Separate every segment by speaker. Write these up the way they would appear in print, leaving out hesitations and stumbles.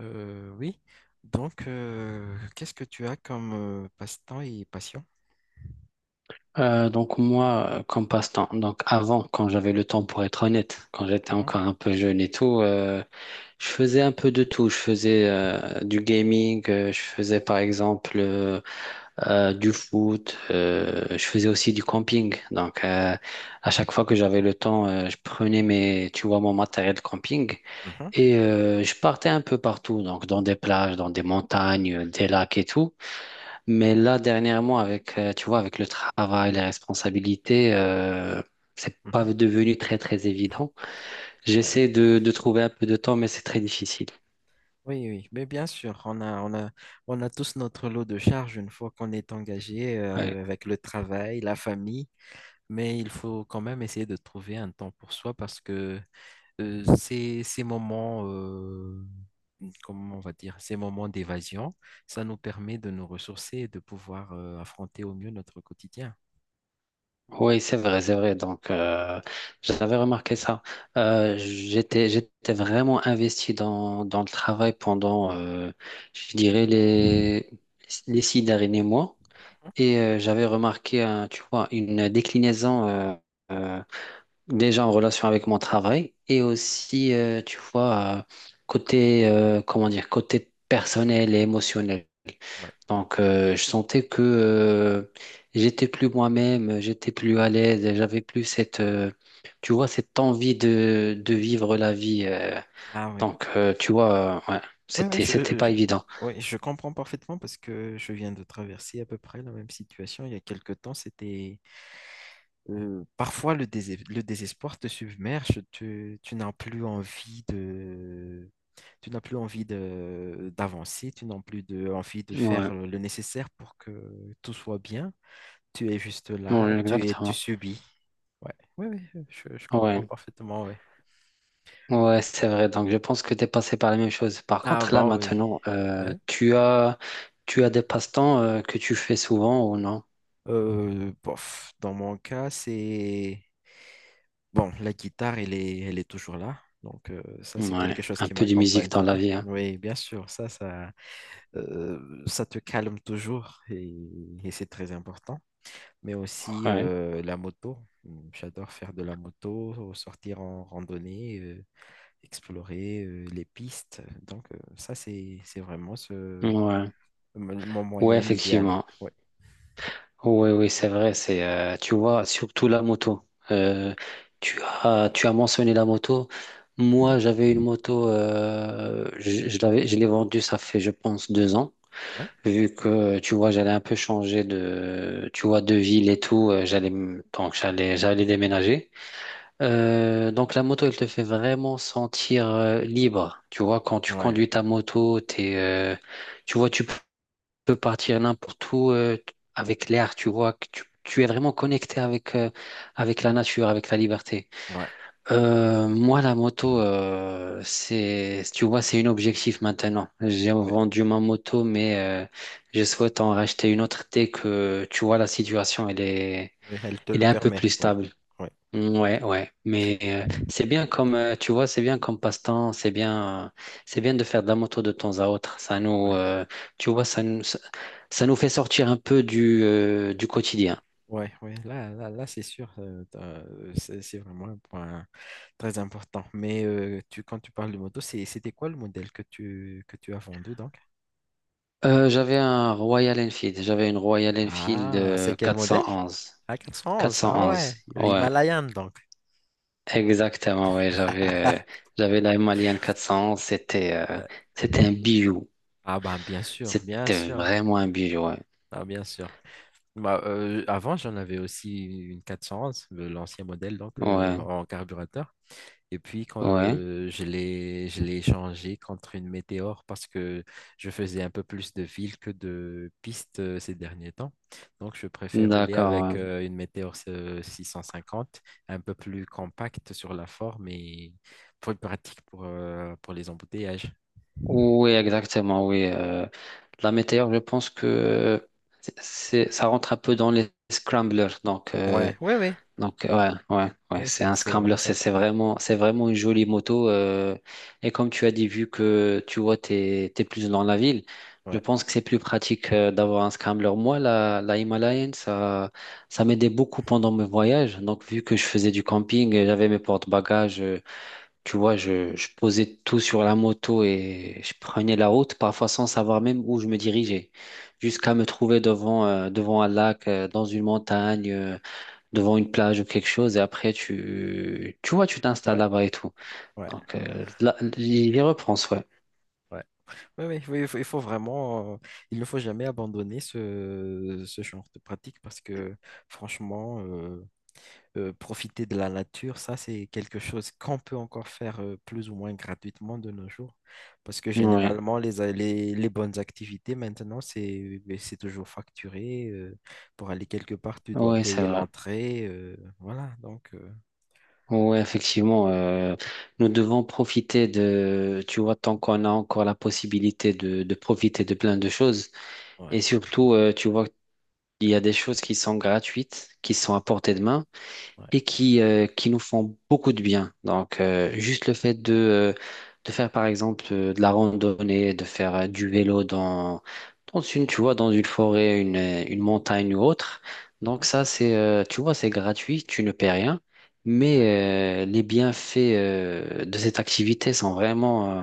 Speaker 1: Oui. Donc, qu'est-ce que tu as comme passe-temps et passion?
Speaker 2: Donc moi, comme passe-temps, donc avant, quand j'avais le temps pour être honnête, quand j'étais
Speaker 1: Mhm,
Speaker 2: encore un peu jeune et tout, je faisais un peu de tout. Je faisais du gaming, je faisais par exemple du foot, je faisais aussi du camping. Donc, à chaque fois que j'avais le temps, je prenais mes, tu vois, mon matériel de camping
Speaker 1: mhm,
Speaker 2: et je partais un peu partout, donc dans des plages, dans des montagnes, des lacs et tout. Mais là, dernièrement, avec, tu vois, avec le travail, les responsabilités, c'est pas
Speaker 1: mhm.
Speaker 2: devenu très, très évident.
Speaker 1: Ouais.
Speaker 2: J'essaie de trouver un peu de temps, mais c'est très difficile.
Speaker 1: Oui, oui. Mais bien sûr, on a tous notre lot de charges une fois qu'on est engagé
Speaker 2: Ouais.
Speaker 1: avec le travail, la famille. Mais il faut quand même essayer de trouver un temps pour soi parce que ces moments, comment on va dire, ces moments d'évasion, ça nous permet de nous ressourcer et de pouvoir affronter au mieux notre quotidien.
Speaker 2: Oui, c'est vrai, c'est vrai. Donc, j'avais remarqué ça. J'étais vraiment investi dans le travail pendant, je dirais,
Speaker 1: Mhm.
Speaker 2: les 6 derniers mois. Et j'avais remarqué, tu vois, une déclinaison, euh, déjà en relation avec mon travail et aussi, tu vois, côté, comment dire, côté personnel et émotionnel.
Speaker 1: Ouais.
Speaker 2: Donc, je sentais que j'étais plus moi-même, j'étais plus à l'aise, et j'avais plus cette, tu vois, cette envie de vivre la vie.
Speaker 1: Ah oui.
Speaker 2: Donc, tu vois, ouais,
Speaker 1: Oui, oui,
Speaker 2: c'était, c'était pas évident.
Speaker 1: ouais, je comprends parfaitement parce que je viens de traverser à peu près la même situation. Il y a quelque temps, c'était parfois le désespoir te submerge, tu n'as plus envie de, tu n'as plus envie de, d'avancer, tu n'as plus de, envie de faire
Speaker 2: Ouais.
Speaker 1: le nécessaire pour que tout soit bien. Tu es juste là,
Speaker 2: Ouais,
Speaker 1: tu
Speaker 2: exactement.
Speaker 1: subis. Ouais, oui, oui, je comprends
Speaker 2: Ouais.
Speaker 1: parfaitement, ouais.
Speaker 2: Ouais, c'est vrai. Donc, je pense que tu es passé par la même chose. Par
Speaker 1: Ah
Speaker 2: contre, là,
Speaker 1: bah oui.
Speaker 2: maintenant, tu as des passe-temps que tu fais souvent ou non?
Speaker 1: Bof, dans mon cas, c'est... Bon, la guitare, elle est toujours là. Donc, ça, c'est
Speaker 2: Ouais,
Speaker 1: quelque chose
Speaker 2: un
Speaker 1: qui
Speaker 2: peu de
Speaker 1: m'accompagne
Speaker 2: musique
Speaker 1: tout
Speaker 2: dans
Speaker 1: le
Speaker 2: la
Speaker 1: temps.
Speaker 2: vie, hein.
Speaker 1: Oui, bien sûr, ça te calme toujours et c'est très important. Mais aussi
Speaker 2: Ouais,
Speaker 1: la moto. J'adore faire de la moto, sortir en randonnée, explorer les pistes. Donc, ça, c'est vraiment ce,
Speaker 2: ouais,
Speaker 1: mon
Speaker 2: ouais,
Speaker 1: moyen idéal.
Speaker 2: effectivement.
Speaker 1: Ouais.
Speaker 2: Oui, oui, c'est vrai. C'est, tu vois, surtout la moto. Euh, tu as mentionné la moto.
Speaker 1: Mhm.
Speaker 2: Moi, j'avais une moto. Je l'avais, je l'ai vendue. Ça fait, je pense, 2 ans.
Speaker 1: Ouais.
Speaker 2: Vu que, tu vois, j'allais un peu changer de, tu vois, de ville et tout, j'allais déménager. Donc la moto, elle te fait vraiment sentir libre. Tu vois, quand tu
Speaker 1: Ouais.
Speaker 2: conduis ta moto, t'es, tu vois, peux partir n'importe où avec l'air. Tu vois, que tu es vraiment connecté avec la nature, avec la liberté.
Speaker 1: Ouais.
Speaker 2: Moi, la moto, c'est, tu vois, c'est un objectif maintenant. J'ai
Speaker 1: Ouais.
Speaker 2: vendu ma moto, mais euh, je souhaite en racheter une autre dès que, tu vois, la situation, elle est,
Speaker 1: Oui, elle te
Speaker 2: elle
Speaker 1: le
Speaker 2: est un peu
Speaker 1: permet,
Speaker 2: plus
Speaker 1: oui.
Speaker 2: stable.
Speaker 1: Oui,
Speaker 2: Mm, ouais, ouais. Mais c'est bien comme, tu vois, c'est bien comme passe-temps. C'est bien de faire de la moto de temps à autre. Ça
Speaker 1: oui,
Speaker 2: nous, tu vois, ça nous, ça nous fait sortir un peu du quotidien.
Speaker 1: oui. Oui. Là c'est sûr, c'est vraiment un point très important. Mais quand tu parles de moto, c'était quoi le modèle que que tu as vendu donc?
Speaker 2: J'avais un Royal Enfield. J'avais une Royal Enfield
Speaker 1: Ah, c'est
Speaker 2: euh,
Speaker 1: quel modèle?
Speaker 2: 411.
Speaker 1: Ah, 411. Ah ouais,
Speaker 2: 411, ouais,
Speaker 1: Himalayan donc.
Speaker 2: exactement, ouais, j'avais la Malienne 411, c'était euh,
Speaker 1: Euh,
Speaker 2: c'était un bijou,
Speaker 1: Bien
Speaker 2: c'était
Speaker 1: sûr,
Speaker 2: vraiment un bijou, ouais,
Speaker 1: ah, bien sûr. Bah, avant j'en avais aussi une 411, l'ancien modèle donc
Speaker 2: ouais,
Speaker 1: en carburateur. Et puis,
Speaker 2: ouais,
Speaker 1: je l'ai échangé contre une météore parce que je faisais un peu plus de villes que de pistes ces derniers temps. Donc, je préfère rouler
Speaker 2: d'accord,
Speaker 1: avec
Speaker 2: ouais.
Speaker 1: une météore 650, un peu plus compacte sur la forme et plus pratique pour les embouteillages.
Speaker 2: Oui, exactement, oui, la météore, je pense que ça rentre un peu dans les scramblers.
Speaker 1: Ouais, ouais, ouais.
Speaker 2: Donc ouais, ouais, ouais,
Speaker 1: Ouais,
Speaker 2: c'est
Speaker 1: c'est
Speaker 2: un
Speaker 1: c'est
Speaker 2: scrambler,
Speaker 1: vraiment ça.
Speaker 2: c'est
Speaker 1: Ouais,
Speaker 2: vraiment, c'est vraiment une jolie moto. Et comme tu as dit, vu que tu vois, t'es plus dans la ville, je
Speaker 1: ouais,
Speaker 2: pense que c'est plus pratique d'avoir un scrambler. Moi, la Himalayan, ça m'aidait beaucoup pendant mes voyages. Donc vu que je faisais du camping, et j'avais mes porte-bagages, tu vois, je posais tout sur la moto et je prenais la route, parfois sans savoir même où je me dirigeais, jusqu'à me trouver devant un lac, dans une montagne, devant une plage ou quelque chose et après tu vois, tu t'installes
Speaker 1: ouais,
Speaker 2: là-bas et tout.
Speaker 1: ouais.
Speaker 2: Donc, là, j'y repense, ouais.
Speaker 1: Ouais. Ouais oui, oui, il faut vraiment, il ne faut jamais abandonner ce genre de pratique parce que franchement, profiter de la nature, ça, c'est quelque chose qu'on peut encore faire plus ou moins gratuitement de nos jours. Parce que
Speaker 2: Ouais,
Speaker 1: généralement, les bonnes activités maintenant, c'est, ben, c'est toujours facturé. Pour aller quelque part, tu dois
Speaker 2: ouais, c'est
Speaker 1: payer
Speaker 2: vrai.
Speaker 1: l'entrée. Voilà,
Speaker 2: Ouais, effectivement, nous devons profiter de, tu vois, tant qu'on a encore la possibilité de profiter de plein de choses.
Speaker 1: ouais,
Speaker 2: Et surtout, tu vois, il y a des choses qui sont gratuites, qui sont à portée de main.
Speaker 1: ouais,
Speaker 2: Et qui nous font beaucoup de bien. Donc, juste le fait de faire, par exemple, de la randonnée, de faire du vélo dans une, tu vois, dans une forêt, une montagne ou autre.
Speaker 1: mhm,
Speaker 2: Donc, ça, tu vois, c'est gratuit, tu ne paies rien.
Speaker 1: ouais.
Speaker 2: Mais les bienfaits de cette activité sont vraiment,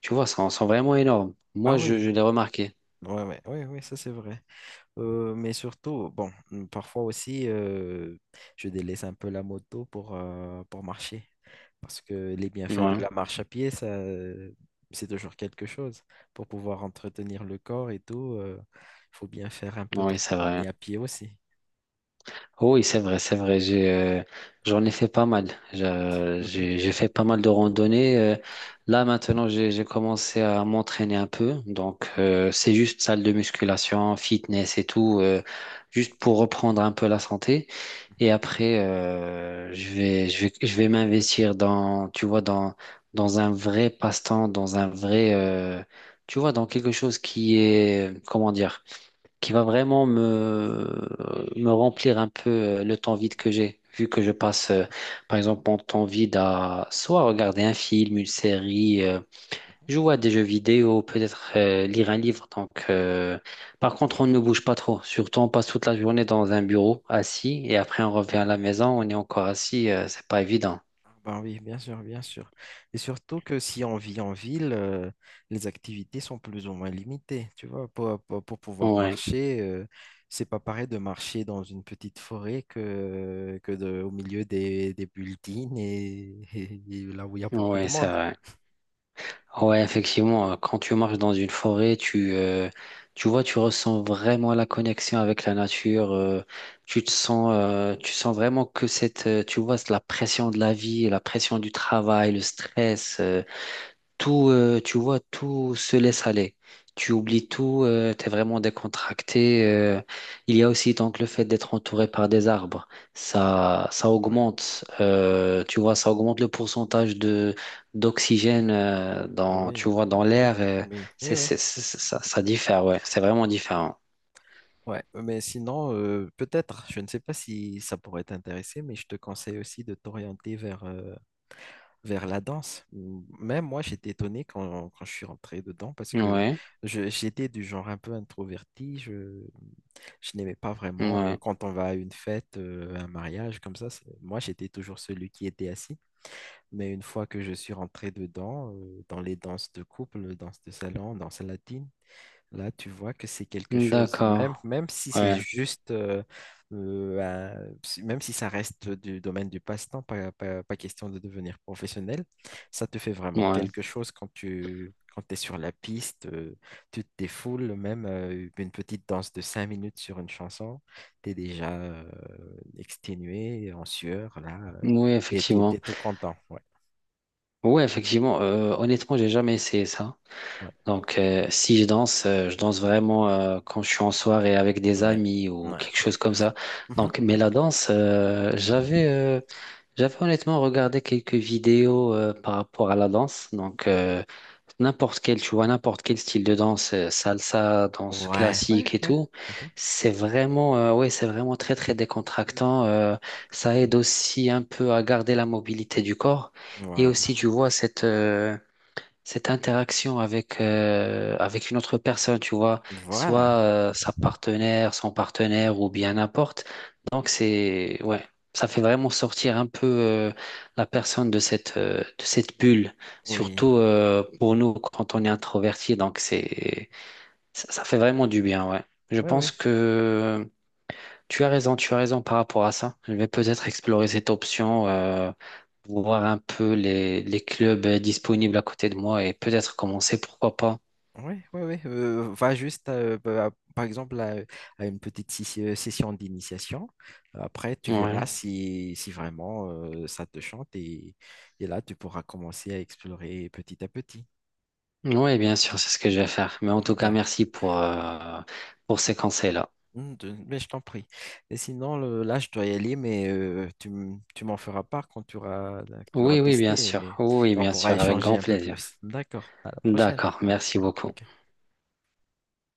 Speaker 2: tu vois, sont vraiment énormes. Moi,
Speaker 1: Bah
Speaker 2: je
Speaker 1: oui,
Speaker 2: l'ai remarqué.
Speaker 1: ouais, ouais, ouais, ouais, ça c'est vrai. Mais surtout, bon, parfois aussi, je délaisse un peu la moto pour marcher. Parce que les bienfaits de
Speaker 2: Ouais,
Speaker 1: la marche à pied, ça, c'est toujours quelque chose. Pour pouvoir entretenir le corps et tout, il faut bien faire un peu de
Speaker 2: oui, c'est vrai.
Speaker 1: randonnée à pied aussi.
Speaker 2: Oui, c'est vrai, c'est vrai. J'en ai fait pas mal. Je-
Speaker 1: Mhm.
Speaker 2: J'ai, j'ai fait pas mal de randonnées. Là, maintenant, j'ai commencé à m'entraîner un peu. Donc, c'est juste salle de musculation, fitness et tout, juste pour reprendre un peu la santé. Et après, je vais m'investir dans, tu vois, dans un vrai passe-temps, dans un vrai, tu vois, dans quelque chose qui est, comment dire, qui va vraiment me remplir un peu le temps vide que j'ai. Vu que je passe, par exemple, mon temps vide à soit regarder un film, une série,
Speaker 1: Mhm. Ouais.
Speaker 2: jouer à des jeux vidéo, peut-être lire un livre. Donc, par contre, on ne bouge pas trop. Surtout, on passe toute la journée dans un bureau assis et après, on revient à la maison, on est encore assis. C'est pas évident.
Speaker 1: Ah bah oui, bien sûr, bien sûr. Et surtout que si on vit en ville, les activités sont plus ou moins limitées, tu vois. Pour pouvoir
Speaker 2: Ouais,
Speaker 1: marcher, c'est pas pareil de marcher dans une petite forêt que de, au milieu des buildings et, et là où il y a beaucoup de
Speaker 2: ouais, c'est
Speaker 1: monde.
Speaker 2: vrai. Ouais, effectivement, quand tu marches dans une forêt, tu vois, tu ressens vraiment la connexion avec la nature. Tu sens vraiment que cette, tu vois, c'est la pression de la vie, la pression du travail, le stress. Tout, tu vois, tout se laisse aller. Tu oublies tout, t'es vraiment décontracté. Il y a aussi donc le fait d'être entouré par des arbres.
Speaker 1: Ouais.
Speaker 2: Tu vois, ça augmente le pourcentage de d'oxygène dans,
Speaker 1: Oui,
Speaker 2: tu vois, dans
Speaker 1: oui,
Speaker 2: l'air.
Speaker 1: oui, oui,
Speaker 2: c'est,
Speaker 1: oui.
Speaker 2: c'est, c'est- c'est- ça, ça diffère, ouais. C'est vraiment différent.
Speaker 1: Ouais. Mais sinon, peut-être, je ne sais pas si ça pourrait t'intéresser, mais je te conseille aussi de t'orienter vers vers la danse. Même moi, j'étais étonné quand je suis rentré dedans parce que
Speaker 2: Ouais,
Speaker 1: j'étais du genre un peu introverti. Je n'aimais pas vraiment
Speaker 2: ouais.
Speaker 1: quand on va à une fête, un mariage comme ça. Moi, j'étais toujours celui qui était assis. Mais une fois que je suis rentré dedans, dans les danses de couple, danses de salon, danses latines, là, tu vois que c'est quelque chose,
Speaker 2: D'accord.
Speaker 1: même si c'est
Speaker 2: Ouais,
Speaker 1: juste, même si ça reste du domaine du passe-temps, pas question de devenir professionnel, ça te fait vraiment
Speaker 2: ouais.
Speaker 1: quelque chose quand tu quand es sur la piste, tu te défoules, même une petite danse de 5 minutes sur une chanson, tu es déjà exténué, en sueur,
Speaker 2: Oui,
Speaker 1: et tu es,
Speaker 2: effectivement.
Speaker 1: tout content. Ouais,
Speaker 2: Ouais, effectivement. Honnêtement, j'ai jamais essayé ça.
Speaker 1: ouais,
Speaker 2: Donc, si je danse, je danse vraiment quand je suis en soirée avec des
Speaker 1: ouais,
Speaker 2: amis ou
Speaker 1: ouais.
Speaker 2: quelque chose comme ça.
Speaker 1: Mhm.
Speaker 2: Donc, mais la danse, j'avais honnêtement regardé quelques vidéos par rapport à la danse. Donc, n'importe quel, tu vois, n'importe quel style de danse, salsa, danse
Speaker 1: Ouais, ouais,
Speaker 2: classique et
Speaker 1: ouais.
Speaker 2: tout,
Speaker 1: Mhm.
Speaker 2: c'est vraiment, ouais, c'est vraiment très, très décontractant. Ça aide aussi un peu à garder la mobilité du corps. Et aussi,
Speaker 1: Voilà.
Speaker 2: tu vois, cette interaction avec une autre personne, tu vois, soit
Speaker 1: Voilà.
Speaker 2: sa partenaire, son partenaire ou bien n'importe. Donc, c'est, ouais, ça fait vraiment sortir un peu la personne de de cette bulle,
Speaker 1: Oui,
Speaker 2: surtout pour nous quand on est introverti. Donc, ça fait vraiment du bien, ouais. Je
Speaker 1: ouais,
Speaker 2: pense
Speaker 1: ouais,
Speaker 2: que tu as raison par rapport à ça. Je vais peut-être explorer cette option, voir un peu les clubs disponibles à côté de moi et peut-être commencer, pourquoi pas.
Speaker 1: ouais, ouais, ouais. Va juste, par exemple, à une petite session d'initiation. Après, tu verras
Speaker 2: Ouais.
Speaker 1: si vraiment ça te chante et là, tu pourras commencer à explorer petit à petit.
Speaker 2: Oui, bien sûr, c'est ce que je vais faire. Mais en tout cas,
Speaker 1: D'accord.
Speaker 2: merci pour ces conseils-là.
Speaker 1: Mais je t'en prie. Et sinon, je dois y aller, mais tu m'en feras part quand tu auras
Speaker 2: Oui, oui,
Speaker 1: testé
Speaker 2: bien sûr. Oui,
Speaker 1: et on
Speaker 2: bien
Speaker 1: pourra
Speaker 2: sûr, avec
Speaker 1: échanger
Speaker 2: grand
Speaker 1: un peu
Speaker 2: plaisir.
Speaker 1: plus. D'accord. À la prochaine.
Speaker 2: D'accord, merci
Speaker 1: Ouais,
Speaker 2: beaucoup.
Speaker 1: ok.